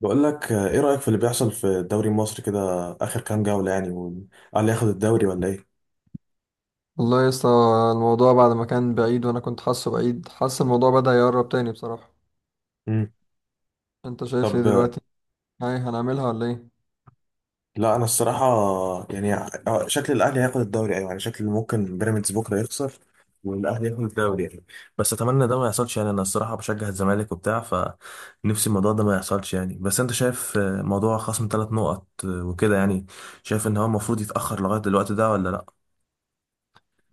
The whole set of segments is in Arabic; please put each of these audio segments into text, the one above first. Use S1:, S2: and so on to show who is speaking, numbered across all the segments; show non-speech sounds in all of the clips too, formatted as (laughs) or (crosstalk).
S1: بقول لك ايه رأيك في اللي بيحصل في الدوري المصري كده، اخر كام جولة يعني؟ وقال ياخد الدوري ولا ايه؟
S2: والله يا اسطى، الموضوع بعد ما كان بعيد وانا كنت حاسه بعيد حاسس الموضوع بدأ يقرب تاني بصراحة.
S1: مم.
S2: انت شايف ايه
S1: طب
S2: دلوقتي؟ هاي هنعملها ولا ايه؟
S1: لا انا الصراحة شكل الاهلي هياخد الدوري، ايوه يعني شكل ممكن بيراميدز بكرة يخسر والاهلي ياخد الدوري يعني. بس اتمنى ده ما يحصلش يعني، انا الصراحة بشجع الزمالك وبتاع فنفسي الموضوع ده ما يحصلش يعني. بس انت شايف موضوع خصم 3 نقط وكده يعني، شايف ان هو المفروض يتأخر لغاية الوقت ده ولا لا؟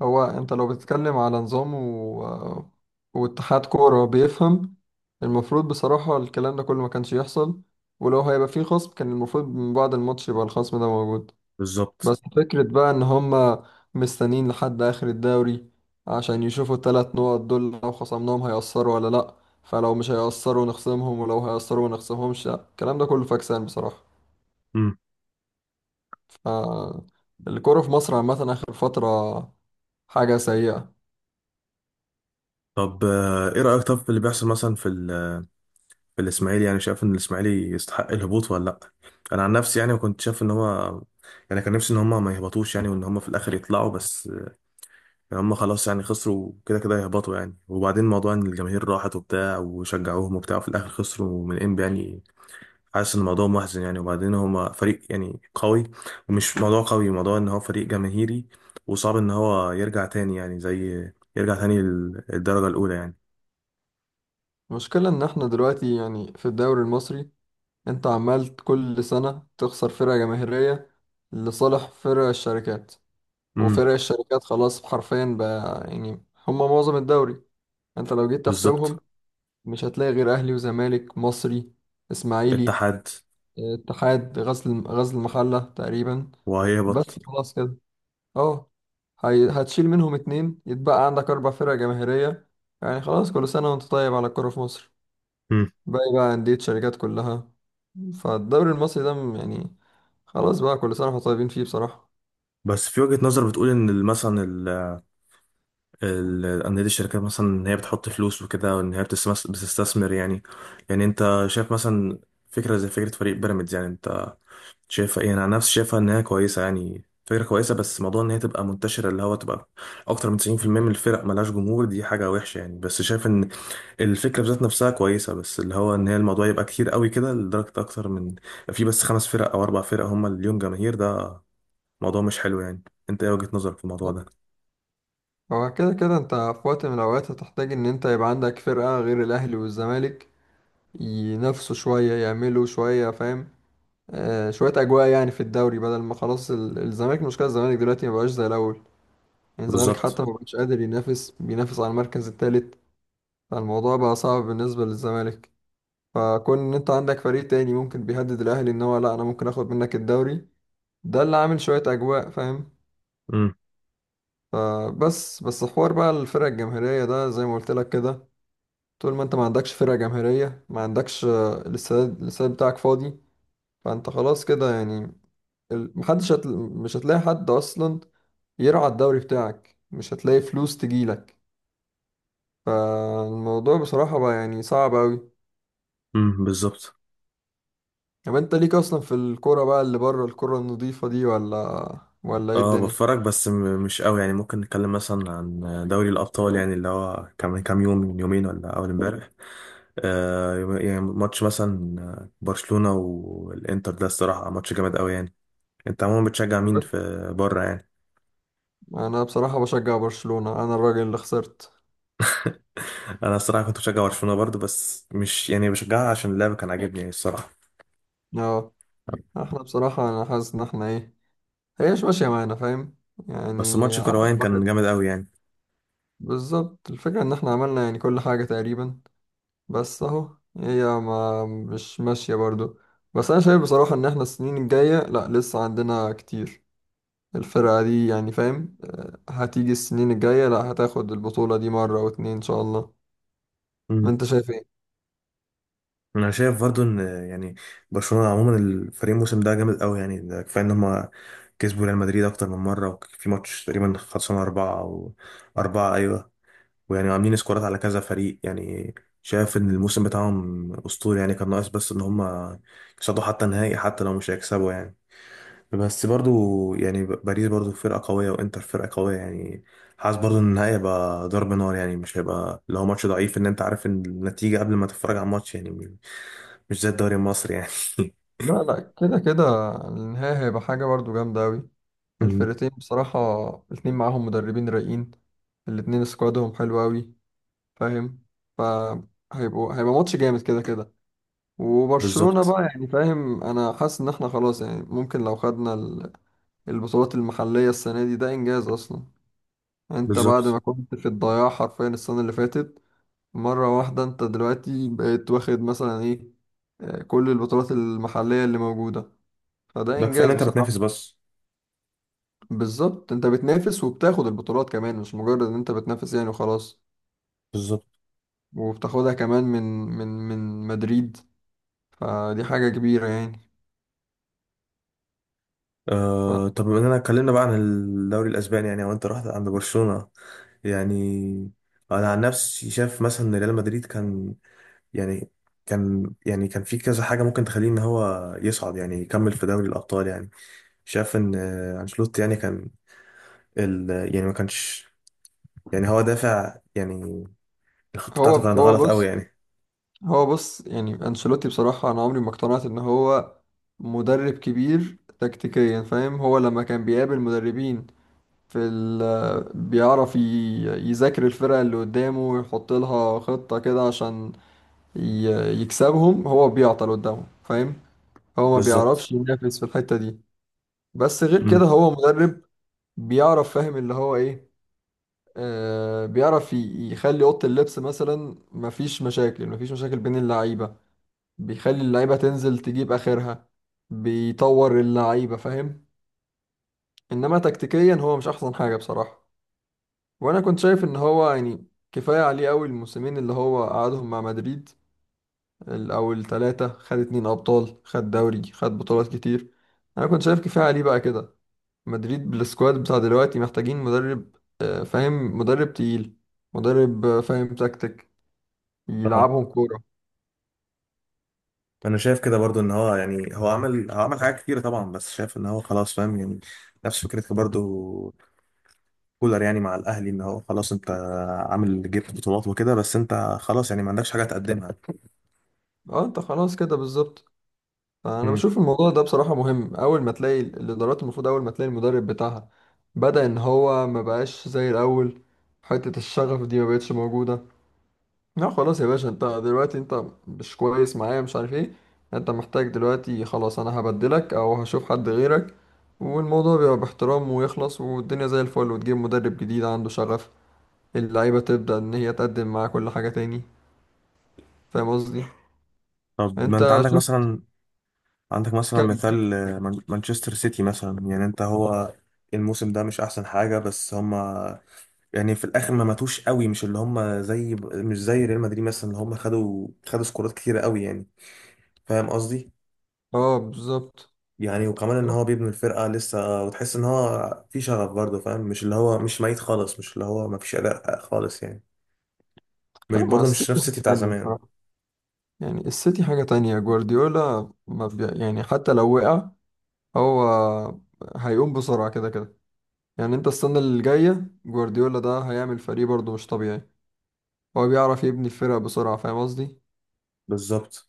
S2: هو انت لو بتتكلم على نظام واتحاد كورة بيفهم، المفروض بصراحة الكلام ده كله ما كانش يحصل، ولو هيبقى فيه خصم كان المفروض من بعد الماتش يبقى الخصم ده موجود.
S1: بالظبط.
S2: بس فكرة بقى إن هما مستنيين لحد آخر الدوري، عشان يشوفوا ال3 نقط دول لو خصمناهم هيأثروا ولا لأ، فلو مش هيأثروا نخصمهم، ولو هيأثروا منخصمهمش. لأ، الكلام ده كله فاكسان بصراحة.
S1: مم.
S2: ف الكورة في مصر عامة آخر فترة حاجة سيئة.
S1: طب ايه رأيك طب في اللي بيحصل مثلا في في الاسماعيلي يعني؟ شايف ان الاسماعيلي يستحق الهبوط ولا لا؟ انا عن نفسي يعني كنت شايف ان هو يعني كان نفسي ان هم ما يهبطوش يعني، وان هم في الاخر يطلعوا. بس يعني هم خلاص يعني خسروا كده كده هيهبطوا يعني. وبعدين موضوع ان الجماهير راحت وبتاع وشجعوهم وبتاع وفي الاخر خسروا من انبي يعني، حاسس ان الموضوع محزن يعني. وبعدين هم فريق يعني قوي، ومش موضوع قوي، موضوع ان هو فريق جماهيري، وصعب ان هو يرجع تاني يعني، زي يرجع تاني للدرجة الاولى يعني.
S2: المشكلة إن إحنا دلوقتي يعني في الدوري المصري، أنت عمال كل سنة تخسر فرقة جماهيرية لصالح فرق الشركات.
S1: امم،
S2: وفرق الشركات خلاص حرفيا بقى يعني هما معظم الدوري. انت لو جيت تحسبهم
S1: بالظبط.
S2: مش هتلاقي غير اهلي وزمالك، مصري، اسماعيلي،
S1: اتحاد.
S2: اتحاد، غزل المحله تقريبا.
S1: وهيهبط.
S2: بس خلاص كده. اه، هتشيل منهم اتنين، يتبقى عندك 4 فرق جماهيريه. يعني خلاص كل سنه وانت طيب على الكوره في مصر، باقي بقى انديه شركات كلها. فالدوري المصري ده يعني خلاص بقى، كل سنه واحنا طيبين فيه بصراحه.
S1: بس في وجهة نظر بتقول ان انديه الشركات، مثلا ان هي بتحط فلوس وكده وان هي بتستثمر يعني. يعني انت شايف مثلا فكره زي فكره فريق بيراميدز، يعني انت شايفها ايه؟ انا عن نفسي شايفها ان هي كويسه يعني، فكره كويسه. بس موضوع ان هي تبقى منتشره، اللي هو تبقى اكتر من 90% من الفرق ملهاش جمهور، دي حاجه وحشه يعني. بس شايف ان الفكره بذات نفسها كويسه، بس اللي هو ان هي الموضوع يبقى كتير قوي كده لدرجه اكتر من، في بس 5 فرق او 4 فرق هم اللي ليهم جماهير، ده الموضوع مش حلو يعني. انت ايه وجهة نظرك في الموضوع ده؟
S2: هو كده كده انت في وقت من الاوقات هتحتاج ان انت يبقى عندك فرقه غير الاهلي والزمالك، ينافسوا شوية، يعملوا شوية، فاهم؟ شوية أجواء يعني في الدوري، بدل ما خلاص الزمالك، مشكلة الزمالك دلوقتي مبقاش زي الأول. يعني الزمالك
S1: بالظبط.
S2: حتى مبقاش قادر بينافس على المركز التالت. فالموضوع بقى صعب بالنسبة للزمالك، فكون إن أنت عندك فريق تاني ممكن بيهدد الأهلي إن هو لأ، أنا ممكن آخد منك الدوري، ده اللي عامل شوية أجواء، فاهم؟
S1: امم.
S2: فبس حوار بقى الفرق الجماهيرية ده زي ما قلت لك كده، طول ما أنت ما عندكش فرقة جماهيرية، ما عندكش الاستاد بتاعك فاضي، فأنت خلاص كده يعني مش هتلاقي حد اصلا يرعى الدوري بتاعك، مش هتلاقي فلوس تجيلك. فالموضوع بصراحة بقى يعني صعب اوي.
S1: امم، بالظبط.
S2: طب انت ليك اصلا في الكورة بقى، اللي بره الكورة النظيفة دي، ولا ايه
S1: اه
S2: الدنيا؟
S1: بتفرج بس مش قوي يعني. ممكن نتكلم مثلا عن دوري الابطال يعني، اللي هو كان من كام يوم، من يومين، ولا اول امبارح، آه يعني ماتش مثلا برشلونة والانتر، ده الصراحة ماتش جامد قوي يعني. انت عموما بتشجع مين في
S2: اتفرجت؟
S1: بره يعني؟
S2: انا بصراحة بشجع برشلونة، انا الراجل اللي خسرت.
S1: انا الصراحة كنت بشجع برشلونة برضه، بس مش يعني بشجعها عشان اللعب كان عاجبني يعني الصراحة.
S2: اه احنا بصراحة انا حاسس ان احنا ايه، هي مش ماشية معانا، فاهم؟
S1: بس
S2: يعني
S1: ماتش كروان كان
S2: واحد.
S1: جامد قوي يعني.
S2: بالظبط، الفكرة ان احنا عملنا يعني كل حاجة تقريبا، بس اهو هي ما مش ماشية برضو. بس انا شايف بصراحة ان احنا السنين الجاية، لا، لسه عندنا كتير، الفرقة دي يعني، فاهم؟ هتيجي السنين الجاية، لا، هتاخد البطولة دي مرة او اتنين ان شاء الله. انت شايف ايه؟
S1: انا شايف برضو ان يعني برشلونه عموما، الفريق الموسم ده جامد قوي يعني. ده كفايه ان هم كسبوا ريال مدريد اكتر من مره، وفي ماتش تقريبا خلصان اربعه او اربعه، ايوه. ويعني عاملين سكورات على كذا فريق يعني. شايف ان الموسم بتاعهم اسطوري يعني، كان ناقص بس ان هم يصعدوا حتى نهائي حتى لو مش هيكسبوا يعني. بس برضو يعني باريس برضو فرقه قويه وانتر فرقه قويه يعني. حاسس برضو ان النهائي هيبقى ضرب نار يعني، مش هيبقى اللي هو ماتش ضعيف ان انت عارف ان النتيجه قبل ما تتفرج على الماتش يعني، مش زي الدوري المصري يعني. (laughs)
S2: لا لا، كده كده النهاية هيبقى حاجة برضو جامدة اوي.
S1: أمم،
S2: الفرقتين بصراحة الاتنين معاهم مدربين رايقين، الاتنين سكوادهم حلو اوي، فاهم؟ هيبقى ماتش جامد كده كده. وبرشلونة
S1: بالظبط.
S2: بقى يعني فاهم، انا حاسس ان احنا خلاص يعني، ممكن لو خدنا البطولات المحلية السنة دي، ده انجاز اصلا. انت بعد
S1: بالظبط.
S2: ما كنت في الضياع حرفيا السنة اللي فاتت، مرة واحدة انت دلوقتي بقيت واخد مثلا ايه، كل البطولات المحلية اللي موجودة، فده
S1: ده كفايه ان
S2: انجاز
S1: انت بتنافس
S2: بصراحة.
S1: بس.
S2: بالظبط، انت بتنافس وبتاخد البطولات كمان، مش مجرد ان انت بتنافس يعني وخلاص،
S1: بالظبط.
S2: وبتاخدها كمان من من مدريد، فدي حاجة كبيرة يعني. ف-
S1: آه، طب بما اننا اتكلمنا بقى عن الدوري الاسباني يعني وانت رحت عند برشلونه يعني، انا عن نفسي شايف مثلا ان ريال مدريد كان يعني، كان يعني كان في كذا حاجه ممكن تخليه ان هو يصعد يعني يكمل في دوري الابطال يعني. شايف ان انشيلوتي يعني كان ال، يعني ما كانش يعني، هو دافع يعني، الخطه
S2: هو
S1: بتاعته كانت
S2: هو
S1: غلط
S2: بص،
S1: قوي يعني.
S2: هو بص يعني انشيلوتي بصراحة انا عمري ما اقتنعت ان هو مدرب كبير تكتيكيا، فاهم؟ هو لما كان بيقابل مدربين في ال آه، بيعرف يذاكر الفرقة اللي قدامه ويحط لها خطة كده عشان يكسبهم، هو بيعطل قدامهم، فاهم؟ هو ما
S1: بالظبط.
S2: بيعرفش ينافس في الحتة دي، بس غير
S1: امم.
S2: كده هو مدرب بيعرف، فاهم اللي هو ايه، بيعرف يخلي أوضة اللبس مثلا مفيش مشاكل، مفيش مشاكل بين اللعيبة، بيخلي اللعيبة تنزل تجيب آخرها، بيطور اللعيبة، فاهم؟ إنما تكتيكيا هو مش أحسن حاجة بصراحة. وأنا كنت شايف إن هو يعني كفاية عليه أوي الموسمين اللي هو قعدهم مع مدريد. الأول تلاتة، خد 2 أبطال، خد دوري، خد بطولات كتير، أنا كنت شايف كفاية عليه بقى كده. مدريد بالسكواد بتاع دلوقتي محتاجين مدرب، فاهم، مدرب تقيل، مدرب فاهم تكتيك، يلعبهم كورة.
S1: انا شايف كده برضو ان هو يعني، هو عمل هو عمل حاجات كتيره طبعا، بس شايف ان هو خلاص فاهم يعني، نفس فكرتك برضو. كولر يعني مع الاهلي، ان هو خلاص انت عامل جبت بطولات وكده بس انت خلاص يعني ما عندكش حاجه تقدمها.
S2: اه، انت خلاص كده بالظبط. انا
S1: امم.
S2: بشوف الموضوع ده بصراحة مهم، اول ما تلاقي الادارات المفروض اول ما تلاقي المدرب بتاعها بدأ ان هو ما بقاش زي الاول، حتة الشغف دي ما بقتش موجودة، لا خلاص يا باشا، انت دلوقتي انت مش كويس معايا، مش عارف ايه، انت محتاج دلوقتي خلاص، انا هبدلك او هشوف حد غيرك. والموضوع بيبقى باحترام ويخلص، والدنيا زي الفل، وتجيب مدرب جديد عنده شغف، اللعيبة تبدأ ان هي تقدم مع كل حاجة تاني، فاهم قصدي؟
S1: طب ما
S2: انت
S1: انت عندك
S2: شفت؟
S1: مثلا، عندك مثلا
S2: كم.
S1: مثال مانشستر سيتي مثلا، يعني انت هو الموسم ده مش احسن حاجه، بس هما يعني في الاخر ما ماتوش قوي، مش اللي هما زي مش زي ريال مدريد مثلا اللي هما خدوا سكورات كتيره قوي يعني، فاهم قصدي؟
S2: اه بالظبط.
S1: يعني وكمان ان هو بيبني الفرقه لسه، وتحس ان هو في شغف برضه، فاهم مش اللي هو مش ميت خالص، مش اللي هو ما فيش اداء خالص يعني، مش
S2: لا، ما
S1: برضه مش
S2: السيتي
S1: نفس السيتي
S2: حاجة
S1: بتاع
S2: تانية
S1: زمان.
S2: بصراحة، يعني السيتي حاجة تانية، جوارديولا ما بي... يعني حتى لو وقع، هو هيقوم بسرعة كده كده. يعني انت السنة اللي جاية جوارديولا ده هيعمل فريق برضه مش طبيعي، هو بيعرف يبني الفرق بسرعة، فاهم قصدي؟
S1: بالظبط.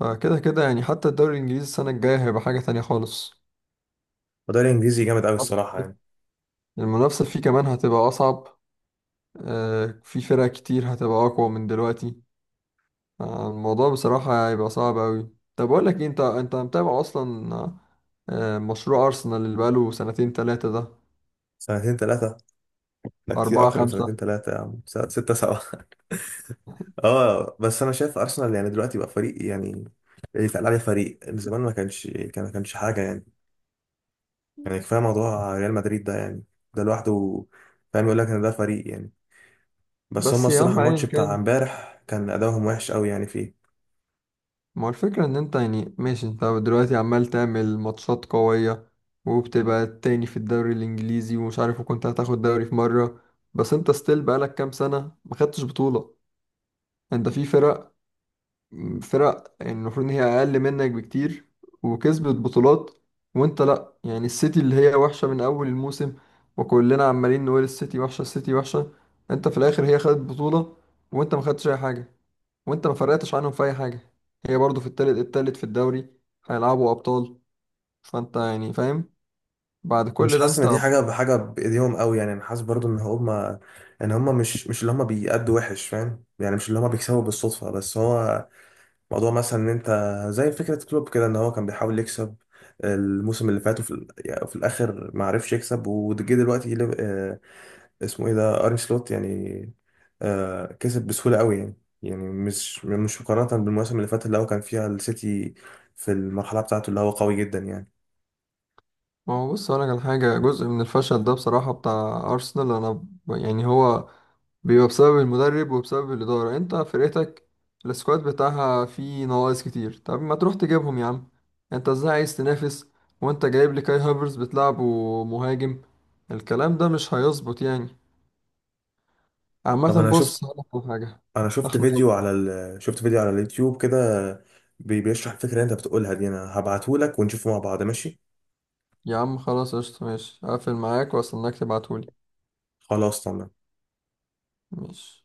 S2: فكده كده يعني حتى الدوري الإنجليزي السنة الجاية هيبقى حاجة تانية خالص.
S1: وده الانجليزي جامد قوي
S2: طب.
S1: الصراحه يعني.
S2: المنافسة فيه كمان هتبقى أصعب، في فرق كتير هتبقى أقوى من دلوقتي، الموضوع بصراحة هيبقى صعب أوي. طب أقول لك إيه، أنت متابع أصلا مشروع أرسنال اللي بقاله سنتين تلاتة ده؟
S1: سنتين ثلاثه. لا كتير
S2: أربعة
S1: اكتر من سنتين
S2: خمسة.
S1: ثلاثه يا عم، 6 أو 7. (laughs) اه بس انا شايف ارسنال يعني دلوقتي بقى فريق يعني يتقال عليه فريق، زمان ما كانش، ما كانش حاجه يعني. يعني كفايه موضوع ريال مدريد ده يعني، ده لوحده فاهم، يقول لك ان ده فريق يعني. بس هما
S2: بس يا
S1: الصراحة
S2: عم أيا
S1: الماتش بتاع
S2: كان،
S1: امبارح كان أداؤهم وحش قوي يعني فيه.
S2: ما هو الفكرة إن أنت يعني ماشي، أنت دلوقتي عمال تعمل ماتشات قوية، وبتبقى التاني في الدوري الإنجليزي، ومش عارف، وكنت هتاخد دوري في مرة، بس أنت ستيل بقالك كام سنة ما خدتش بطولة. أنت في فرق يعني المفروض ان هي اقل منك بكتير، وكسبت بطولات، وانت لا، يعني السيتي اللي هي وحشة من اول الموسم، وكلنا عمالين نقول السيتي وحشة، السيتي وحشة، انت في الاخر هي خدت بطولة، وانت ما خدتش اي حاجة، وانت ما فرقتش عنهم في اي حاجة، هي برضو في التالت في الدوري، هيلعبوا ابطال، فانت يعني فاهم، بعد
S1: مش
S2: كل ده
S1: حاسس
S2: انت.
S1: إن دي حاجة بحاجة بإيديهم قوي يعني، أنا حاسس برضو إن هما مش اللي هما بيأدوا وحش فاهم يعني، مش اللي هما بيكسبوا بالصدفة. بس هو موضوع مثلا إن أنت زي فكرة كلوب كده، إن هو كان بيحاول يكسب الموسم اللي فات وفي يعني في الآخر ما عرفش يكسب، وجه دلوقتي اسمه ايه ده، ارني سلوت يعني، آه كسب بسهولة قوي يعني. يعني مش مقارنة بالمواسم اللي فاتت اللي هو كان فيها السيتي في المرحلة بتاعته اللي هو قوي جدا يعني.
S2: ما هو بص اقول لك على حاجة، جزء من الفشل ده بصراحة بتاع ارسنال، انا يعني هو بيبقى بسبب المدرب وبسبب الإدارة. انت فرقتك، السكواد بتاعها فيه نواقص كتير، طب ما تروح تجيبهم يا عم، انت ازاي عايز تنافس وانت جايب لي كاي هافرز بتلعبه مهاجم؟ الكلام ده مش هيظبط يعني.
S1: طب
S2: عامة
S1: انا شفت،
S2: بص هقولك على حاجة،
S1: انا شفت
S2: احنا
S1: فيديو على شفت فيديو على اليوتيوب كده، بيشرح الفكرة اللي انت بتقولها دي، انا هبعته لك ونشوفه مع بعض ماشي.
S2: يا عم خلاص قشطة ماشي، هقفل معاك واستناك تبعتهولي.
S1: خلاص تمام.
S2: ماشي.